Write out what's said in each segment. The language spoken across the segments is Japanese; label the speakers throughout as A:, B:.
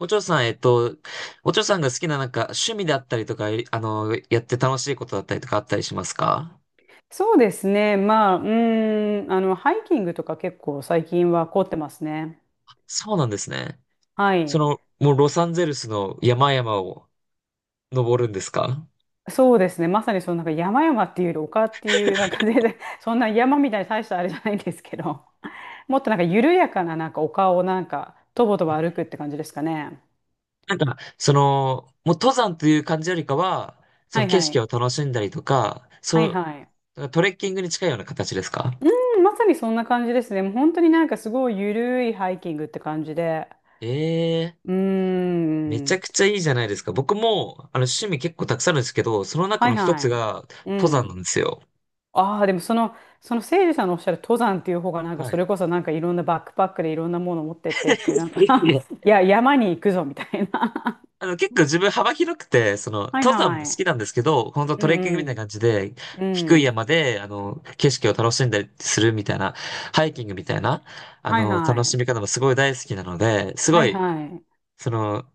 A: お嬢さん、お嬢さんが好きななんか趣味だったりとか、いあの、やって楽しいことだったりとかあったりしますか？
B: そうですね。ハイキングとか結構最近は凝ってますね。
A: そうなんですね。
B: はい。
A: もうロサンゼルスの山々を登るんですか？
B: そうですね。まさに山々っていうより丘っていう、全然、そんな山みたいに大したあれじゃないんですけど、もっと緩やかな丘をとぼとぼ歩くって感じですかね。
A: その、もう登山という感じよりかは、そ
B: は
A: の
B: い
A: 景
B: は
A: 色を
B: い。
A: 楽しんだりとか、
B: は
A: そう、
B: いはい。
A: だからトレッキングに近いような形ですか？
B: うん、まさにそんな感じですね。もう本当にすごい緩いハイキングって感じで。
A: ええ。
B: うー
A: めちゃ
B: ん。
A: くちゃいいじゃないですか。僕も、趣味結構たくさんあるんですけど、その中
B: はい
A: の一つ
B: はい。
A: が
B: う
A: 登山なん
B: ん。
A: ですよ。
B: ああ、でも聖司さんのおっしゃる登山っていう方がなんか
A: は
B: そ
A: い。
B: れこそなんかいろんなバックパックでいろんなもの持ってってっていういや、山に行くぞみたいな。
A: 結構自分幅広くて、
B: はい
A: 登山も好
B: は
A: き
B: い。
A: なんですけど、本当
B: う
A: トレッキングみたい
B: ん
A: な感じで、
B: うん。う
A: 低い
B: ん。
A: 山で、景色を楽しんだりするみたいな、ハイキングみたいな、
B: はいは
A: 楽し
B: い。
A: み方もすごい大好きなので、す
B: は
A: ご
B: い
A: い、
B: はい。
A: その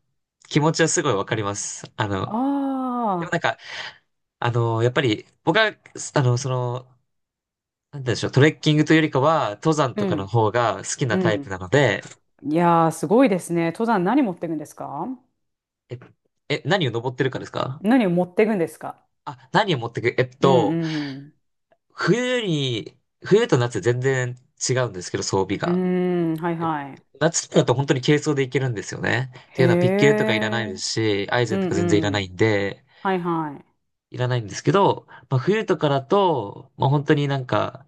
A: 気持ちはすごいわかります。
B: あ
A: でも
B: あ。
A: なんか、やっぱり、僕は、あの、その、なんて言うんでしょう、トレッキングというよりかは、登山
B: う
A: とかの
B: ん。
A: 方が好きな
B: う
A: タイプな
B: ん。
A: ので、
B: いやー、すごいですね。登山何持っていくんですか？
A: え、え、何を登ってるかですか？
B: 何を持っていくんですか？
A: あ、何を持ってく、
B: うんうん。
A: 冬に、冬と夏全然違うんですけど、装備
B: うー
A: が。
B: ん。はい
A: え
B: はい。
A: 夏だと本当に軽装でいけるんですよね。って
B: へ
A: いうのはピッケルとかいらないで
B: え。
A: すし、アイゼ
B: う
A: ンと
B: ん
A: か全然いら
B: う
A: ないん
B: ん。
A: で、
B: はいは
A: いらないんですけど、まあ、冬とかだと、まあ、本当になんか、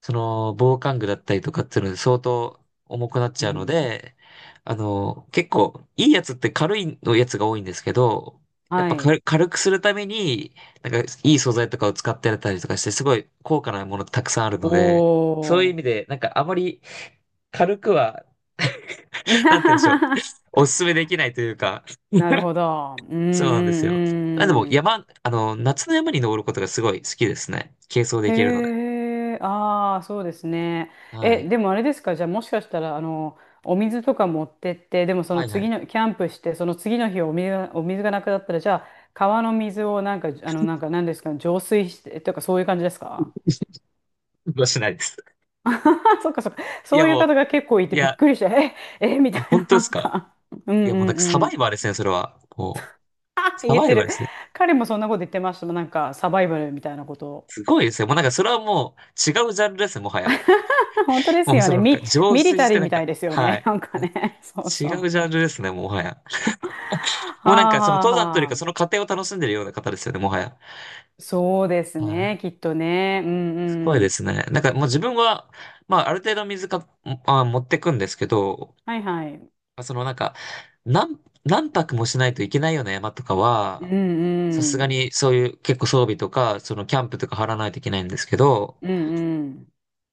A: その防寒具だったりとかっていうので相当重くなっ
B: い。
A: ちゃ
B: う
A: うの
B: ん。
A: で、結構いいやつって軽いのやつが多いんですけど、やっ
B: は
A: ぱ
B: い。
A: 軽くするために、なんかいい素材とかを使ってやったりとかして、すごい高価なものたくさんあるので、
B: お
A: そういう意
B: お。
A: 味で、なんかあまり軽くは、なんて言うんでしょう、おすすめできないというか、
B: なるほど。うんう
A: そうなんですよ。なんでも
B: んうん。
A: 山、夏の山に登ることがすごい好きですね。軽装できるので。
B: へえ、ああ、そうですね。
A: は
B: え、
A: い。
B: でもあれですか、じゃあもしかしたら、お水とか持ってって、でもそ
A: は
B: の
A: いは
B: 次
A: い。
B: の、キャンプして、その次の日お水が、お水がなくなったら、じゃあ、川の水をなんですか、浄水して、とか、そういう感じですか？
A: 運動しないです。
B: そっかそっか。
A: い
B: そ
A: や
B: ういう
A: もう、
B: 方が結構いて
A: い
B: びっ
A: や、
B: くりして、え、え、みたい
A: あ、本
B: な、
A: 当
B: な
A: で
B: ん
A: すか？
B: か。うんう
A: いや、もうなんかサバ
B: ん。
A: イバーですね、それは。も
B: あ
A: う、サ
B: 言っ
A: バイ
B: て
A: バー
B: る。
A: ですね。
B: 彼もそんなこと言ってましたもん。なんか、サバイバルみたいなことを。
A: すごいですね。もうなんかそれはもう違うジャンルですね、もはや。
B: 本当で
A: も
B: す
A: う
B: よ
A: そ
B: ね。
A: のなんか
B: ミ、
A: 浄
B: ミリ
A: 水
B: タ
A: し
B: リ
A: て
B: ー
A: な
B: み
A: ん
B: た
A: か、
B: いですよ
A: は
B: ね。
A: い。
B: なんかね。そう
A: 違
B: そう。
A: うジャンルですね、もはや。
B: は
A: もうなん
B: あ
A: かその
B: はあ
A: 登山という
B: は
A: かその
B: あ。
A: 過程を楽しんでるような方ですよね、もはや。
B: そうです
A: はい。
B: ね。きっとね。うん
A: すごい
B: う
A: で
B: ん。
A: すね。なんかもう自分は、まあある程度水か、あ、持ってくんですけど、
B: はいはい。
A: あなんか、何、何泊もしないといけないような山とか
B: うん
A: は、さすが
B: うん。
A: にそういう結構装備とか、そのキャンプとか張らないといけないんですけど、
B: うんうん。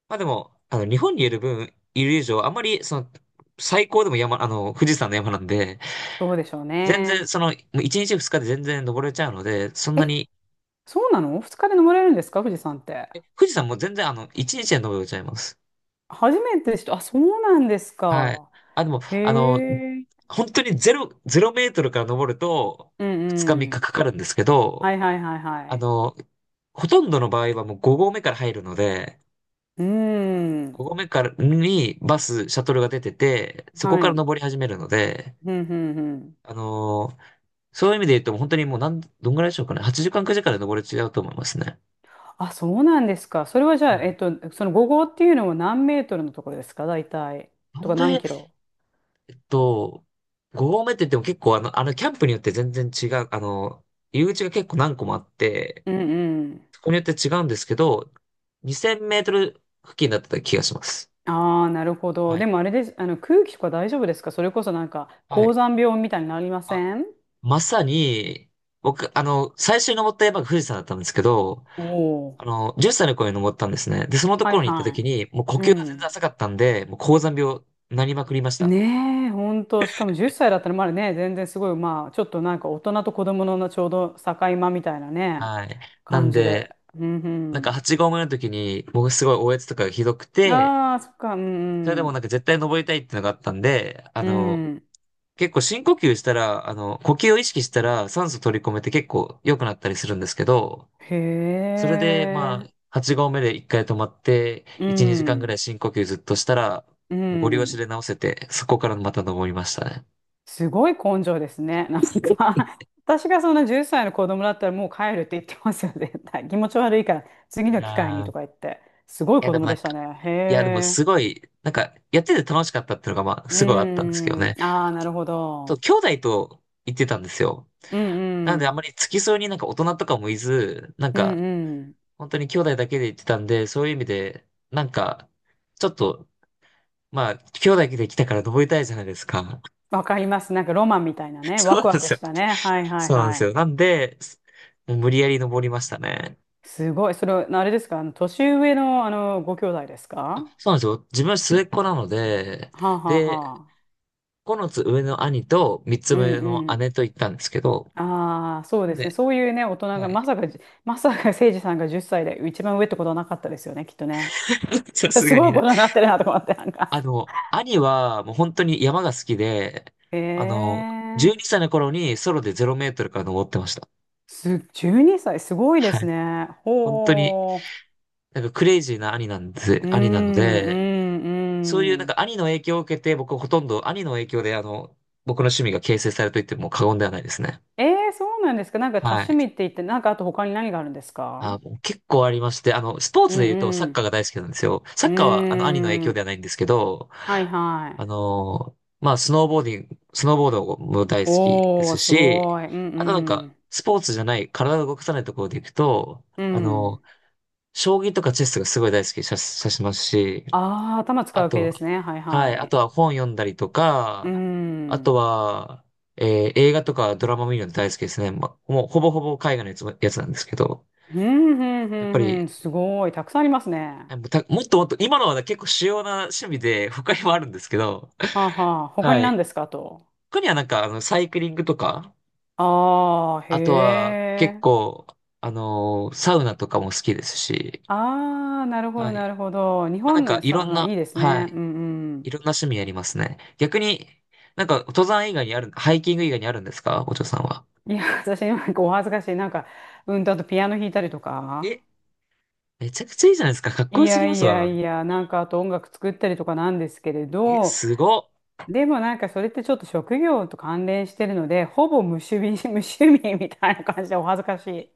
A: まあでも、日本にいる以上、あんまり最高でも山、あの、富士山の山なんで、
B: そうでしょう
A: 全然
B: ね。
A: もう1日2日で全然登れちゃうので、そんな
B: え、
A: に、
B: そうなの？二日で登れるんですか富士山って。
A: 富士山も全然1日で登れちゃいます。
B: 初めてでした。あ、そうなんです
A: はい。
B: か。
A: あ、でも、
B: へえ。
A: 本当にゼロメートルから登ると、
B: う
A: 2日3
B: んう
A: 日
B: ん。
A: かかかるんですけ
B: は
A: ど、
B: いはいはいは
A: あ
B: い。
A: の、ほとんどの場合はもう5合目から入るので、
B: う
A: 5
B: ん。
A: 合目からにシャトルが出てて、そこ
B: は
A: から
B: い。
A: 登り始めるので、
B: うん、うん、うん。
A: あのーそういう意味で言うとも本当にもうどんぐらいでしょうかね。8時間、9時間で登れ違うと思いますね。
B: あ、そうなんですか。それはじ
A: う
B: ゃ
A: ん。
B: あ、その5号っていうのは何メートルのところですか、大体。
A: な
B: と
A: ん
B: か
A: で、
B: 何キロ。
A: っと、5合目って言っても結構キャンプによって全然違う、入り口が結構何個もあって、
B: うんうん。
A: そこによって違うんですけど、2000メートル付近だった気がします。
B: ああ、なるほど。
A: は
B: で
A: い。
B: もあれです。あの、空気とか大丈夫ですか？それこそなんか、
A: は
B: 高
A: い。
B: 山病みたいになりません？
A: まさに、僕、最初に登った山が富士山だったんですけど、
B: おおー。
A: 10歳の頃に登ったんですね。で、そのと
B: は
A: こ
B: い
A: ろに行った時
B: は
A: に、もう呼
B: い。う
A: 吸が全然
B: ん。
A: 浅かったんで、もう高山病になりまくりました。
B: ねえ、ほんと。しかも10歳だったらまだね、全然すごい、まあ、ちょっとなんか大人と子供のちょうど境間みたいなね、
A: はい。な
B: 感
A: ん
B: じで。
A: で、
B: う
A: なんか
B: ん
A: 8合目の時に、僕すごいおえつとかがひどく
B: うん。
A: て、
B: ああ、そっか、うん
A: それで
B: う
A: もな
B: ん。
A: んか絶対登りたいっていうのがあったんで、
B: うん。
A: 結構深呼吸したら、呼吸を意識したら酸素取り込めて結構良くなったりするんですけど、
B: へ
A: それで、ま
B: え。
A: あ、8合目で1回止まって、
B: う
A: 1、2時間ぐらい
B: ん。
A: 深呼吸ずっとしたら、
B: う
A: もうゴリ押しで
B: ん。
A: 直せて、そこからまた登りましたね。
B: すごい根性ですね。なんか 私がそんな10歳の子供だったらもう帰るって言ってますよ、絶対。気持ち悪いから、次
A: い
B: の機会に
A: やー、
B: とか
A: い
B: 言って。すごい
A: や
B: 子
A: でも
B: 供
A: なん
B: で
A: か、
B: したね。へ
A: いやでもすご
B: え。
A: い、なんか、やってて楽しかったっていうのが、まあ、
B: う
A: すごいあったんですけど
B: ん。
A: ね。
B: ああ、なるほど。
A: 兄弟と行ってたんですよ。
B: うん
A: なの
B: う
A: であ
B: ん。
A: まり付き添いになんか大人とかもいず、なん
B: うん
A: か、
B: うん。
A: 本当に兄弟だけで行ってたんで、そういう意味で、なんか、ちょっと、まあ、兄弟で来たから登りたいじゃないですか。
B: わかります。なんかロマンみたいなね。
A: そ
B: ワ
A: うな
B: ク
A: ん
B: ワ
A: で
B: ク
A: すよ。
B: したね。はいはい
A: そうなんで
B: は
A: す
B: い。
A: よ。なんで、もう無理やり登りましたね。
B: すごい。それ、あれですか？年上の、ご兄弟ですか？
A: あ、そうなんですよ。自分は末っ子なので、
B: はあはあ
A: で、
B: は、
A: ここのつ上の兄と三つ
B: うん
A: 上
B: う
A: の
B: ん。
A: 姉と行ったんですけど、
B: ああ、そう
A: な
B: で
A: ん
B: すね。
A: で、
B: そういうね、大人が、
A: はい。
B: まさかじ、まさか誠司さんが10歳で一番上ってことはなかったですよね、きっとね。
A: さ す
B: す
A: が
B: ご
A: に
B: いこ
A: ね。
B: とになってるなと思って、なんか。
A: 兄はもう本当に山が好きで、
B: ええ
A: あの、12
B: ー
A: 歳の頃にソロで0メートルから登ってました。
B: す、12歳、すごいで
A: は
B: す
A: い。
B: ね。
A: 本当に、
B: ほ
A: なんかクレイジーな兄なんです、
B: う。うん、
A: 兄なの
B: う
A: で、
B: ん、
A: そういう
B: う
A: なん
B: ん。
A: か兄の影響を受けて、僕ほとんど兄の影響で僕の趣味が形成されると言っても過言ではないですね。
B: ええ、そうなんですか？なんか多
A: は
B: 趣
A: い。
B: 味って言って、なんかあと他に何があるんですか？
A: あ、もう結構ありまして、スポー
B: う
A: ツで
B: ん
A: 言うとサッ
B: う
A: カー
B: ん。
A: が大好きなんですよ。サ
B: う
A: ッカーはあの兄の影
B: ー
A: 響で
B: ん。
A: はないんですけど、
B: はいは
A: あ
B: い。
A: のスノーボードも大好きで
B: おー、
A: す
B: す
A: し、
B: ごい。うんう
A: あとなんか、
B: ん。
A: スポーツじゃない、体を動かさないところで行くと、
B: うん。
A: 将棋とかチェスがすごい大好きさ、さしますし、
B: ああ、頭使
A: あ
B: う
A: と
B: 系
A: は、
B: ですね。はい
A: は
B: は
A: い。あと
B: い。
A: は本読んだりと
B: うー
A: か、あと
B: ん。
A: は、映画とかドラマ見るの大好きですね。ま、もうほぼほぼ海外のやつなんですけど、
B: ふんふんふ
A: やっ
B: ん
A: ぱ
B: ふ
A: り、
B: ん。すごい。たくさんありますね。
A: あもうたもっともっと、今のはね結構主要な趣味で、他にもあるんですけど、
B: はあ、はあ。他に
A: は
B: 何
A: い。
B: ですかと。
A: 他にはなんか、サイクリングとか、
B: ああ、へ
A: あとは結
B: え。
A: 構、サウナとかも好きですし、
B: ああ、なるほ
A: は
B: ど、な
A: い。
B: るほど。日
A: まあ、な
B: 本
A: んか、
B: の
A: いろん
B: さ、あい
A: な、
B: いです
A: は
B: ね。う
A: い。
B: んう
A: い
B: ん。
A: ろんな趣味やりますね。逆に、なんか、登山以外にある、ハイキング以外にあるんですか、お嬢さんは？
B: いや、私、なんかお恥ずかしい。なんか、うんと、あとピアノ弾いたりとか。
A: え、めちゃくちゃいいじゃないですか。かっこ
B: い
A: よすぎ
B: や
A: ま
B: い
A: す
B: や
A: わ。
B: いや、なんかあと音楽作ったりとかなんですけれ
A: え、
B: ど、
A: すごっ。
B: でもなんかそれってちょっと職業と関連してるので、ほぼ無趣味、無趣味みたいな感じでお恥ずかし
A: え、
B: い。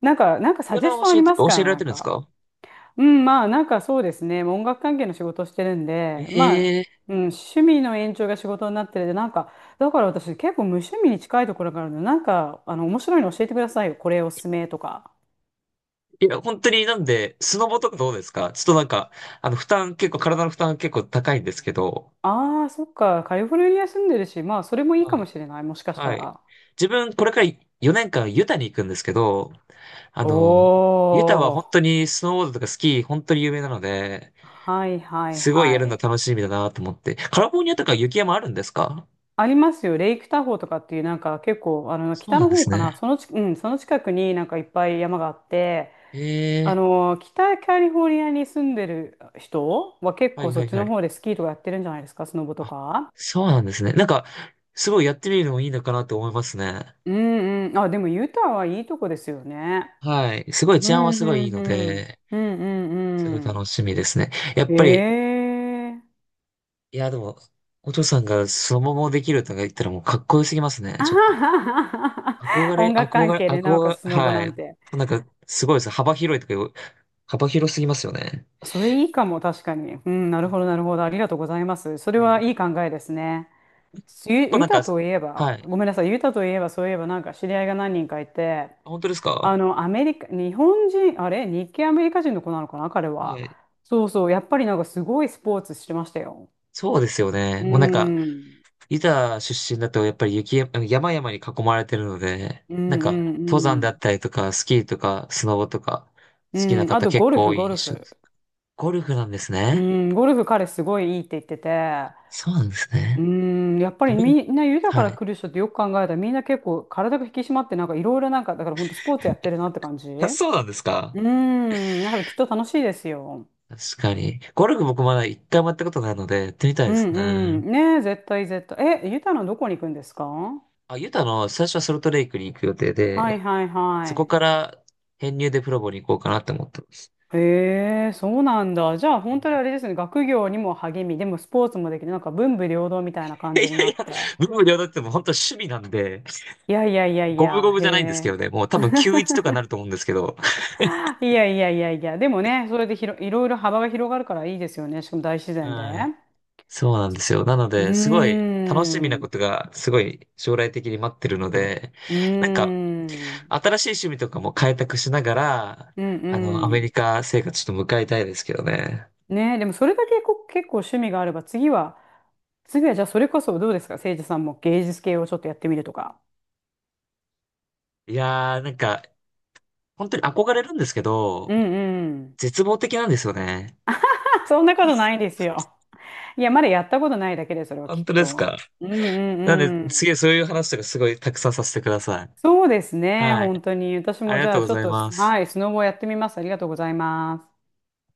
B: なんか、なんか
A: ピ
B: サ
A: ア
B: ジェ
A: ノ
B: ス
A: を
B: トあります
A: 教
B: か？
A: えられ
B: なん
A: てるんです
B: か。
A: か？
B: うん、そうですね。もう音楽関係の仕事をしてるんで、まあ、
A: ええ、
B: うん、趣味の延長が仕事になってるで、なんか、だから私結構無趣味に近いところがあるので、面白いの教えてくださいよ。これおすすめとか。
A: いや、本当になんで、スノボとかどうですか？ちょっとなんか、負担結構、体の負担結構高いんですけど、
B: ああ、そっか。カリフォルニア住んでるし、まあそれもいいか
A: は
B: も
A: い、
B: しれない。もしかした
A: はい。
B: ら。
A: 自分、これから4年間ユタに行くんですけど、あの、ユタは
B: お
A: 本
B: ー。
A: 当にスノーボードとかスキー、本当に有名なので、
B: はいはい
A: すごい
B: は
A: やるの
B: い。
A: 楽しみだなと思って。カリフォルニアとか雪山あるんですか？
B: ありますよ。レイクタホーとかっていう、なんか結構、あの、
A: そう
B: 北
A: なん
B: の
A: で
B: 方
A: す
B: かな。
A: ね。
B: そのち、うん、その近くになんかいっぱい山があって、あ
A: ええ、
B: の、北カリフォルニアに住んでる人は結
A: は
B: 構
A: い
B: そ
A: は
B: っ
A: い
B: ち
A: は
B: の
A: い。
B: 方でスキーとかやってるんじゃないですか、スノボと
A: あ、
B: か。
A: そうなんですね。なんか、すごいやってみるのもいいのかなと思いますね。
B: うんうん。あ、でもユタはいいとこですよね。
A: はい。すごい
B: う
A: 治安は
B: ん
A: すごいい
B: う
A: い
B: ん
A: の
B: うん。
A: で、
B: うんう
A: すごい
B: んうん。
A: 楽しみですね。やっぱり、
B: へえ。
A: いや、でも、お嬢さんがそのままできるとか言ったらもうかっこよすぎます ね。
B: あ
A: ちょっと。
B: はははは、
A: 憧れ、
B: 音楽
A: 憧
B: 関
A: れ、
B: 係で、なお
A: 憧
B: か
A: れ、
B: つスノボ
A: は
B: な
A: い。
B: んて。
A: なんか、すごいです。幅広すぎますよね。
B: それいいかも、確かに。うん、なるほど、なるほど。ありがとうございます。それ
A: え
B: はいい
A: ー
B: 考えですね。ユ、
A: こう
B: ユ
A: なん
B: タ
A: か、
B: といえ
A: は
B: ば、
A: い。
B: ごめんなさい、ユタといえば、そういえば、なんか知り合いが何人かいて、
A: あ、本当です
B: あ
A: か？
B: の、アメリカ、日本人、あれ、日系アメリカ人の子なのかな、彼
A: は
B: は。
A: い。
B: そうそう、やっぱりなんかすごいスポーツしてましたよ。
A: そうですよね。
B: う
A: もうなんか、
B: ん、
A: ユタ出身だとやっぱり山々に囲まれてるので、
B: うん、
A: なんか
B: う
A: 登
B: ん、う
A: 山だっ
B: ん。
A: たりとか、スキーとか、スノボとか、
B: う
A: 好きな
B: ん、あ
A: 方
B: と
A: 結
B: ゴル
A: 構
B: フ、
A: 多い
B: ゴル
A: 印象で
B: フ。
A: す。ゴルフなんです
B: う
A: ね。
B: ん、ゴルフ彼すごいいいって言ってて、
A: そうなんです
B: うー
A: ね。
B: ん、やっぱり
A: 自分、
B: みんな豊か
A: は
B: ら
A: い。
B: 来る人ってよく考えたらみんな結構体が引き締まってなんかいろいろなんかだから本当スポーツやってるなって感じ、
A: あ、
B: う
A: そうなんですか。
B: ーん、だからきっと楽しいですよ。
A: 確かに。ゴルフ僕まだ一回もやったことないので、やってみたい
B: う
A: です
B: ん
A: ね。
B: うん。ねえ、絶対絶対。え、ゆたのどこに行くんですか？は
A: あ、ユタの最初はソルトレイクに行く予定
B: い
A: で、
B: はい
A: そこ
B: は
A: から編入でプロボに行こうかなって思ってます。
B: い。へえ、そうなんだ。じゃあ本当にあれですね、学業にも励み、でもスポーツもできる、なんか文武両道みたいな感じ
A: い
B: に
A: やい
B: な
A: や、
B: って。
A: 文武両道ってもう本当趣味なんで、
B: いやいやいやい
A: 五分
B: や、
A: 五分
B: へ
A: じゃないんですけど
B: え。
A: ね、もう多分9-1とかなると思うんですけど。
B: いやいやいやいや、でもね、それでひろ、いろいろ幅が広がるからいいですよね。しかも大自然で。
A: はい。そうなんですよ。なの
B: うー
A: で、すごい楽しみな
B: ん、
A: こ
B: う
A: とが、すごい将来的に待ってるので、
B: ー
A: なんか、
B: ん、
A: 新しい趣味とかも開拓しながら、
B: うん
A: ア
B: う
A: メ
B: ん。
A: リカ生活ちょっと迎えたいですけどね。
B: ねえ、でもそれだけこ結構趣味があれば、次は、次はじゃあそれこそどうですか、誠治さんも芸術系をちょっとやってみるとか。
A: いやー、なんか、本当に憧れるんですけ
B: う
A: ど、
B: んうん。
A: 絶望的なんですよね。
B: そんなことないですよ。いや、まだやったことないだけで、それはき
A: 本
B: っ
A: 当です
B: と。
A: か？
B: うんうん
A: なので、
B: うん。
A: 次そういう話とかすごいたくさんさせてください。
B: そうですね、
A: はい。
B: 本当に。私
A: あ
B: も
A: り
B: じ
A: が
B: ゃ
A: とう
B: あ
A: ご
B: ちょ
A: ざ
B: っ
A: い
B: と、
A: ます。
B: はい、スノボやってみます。ありがとうございます。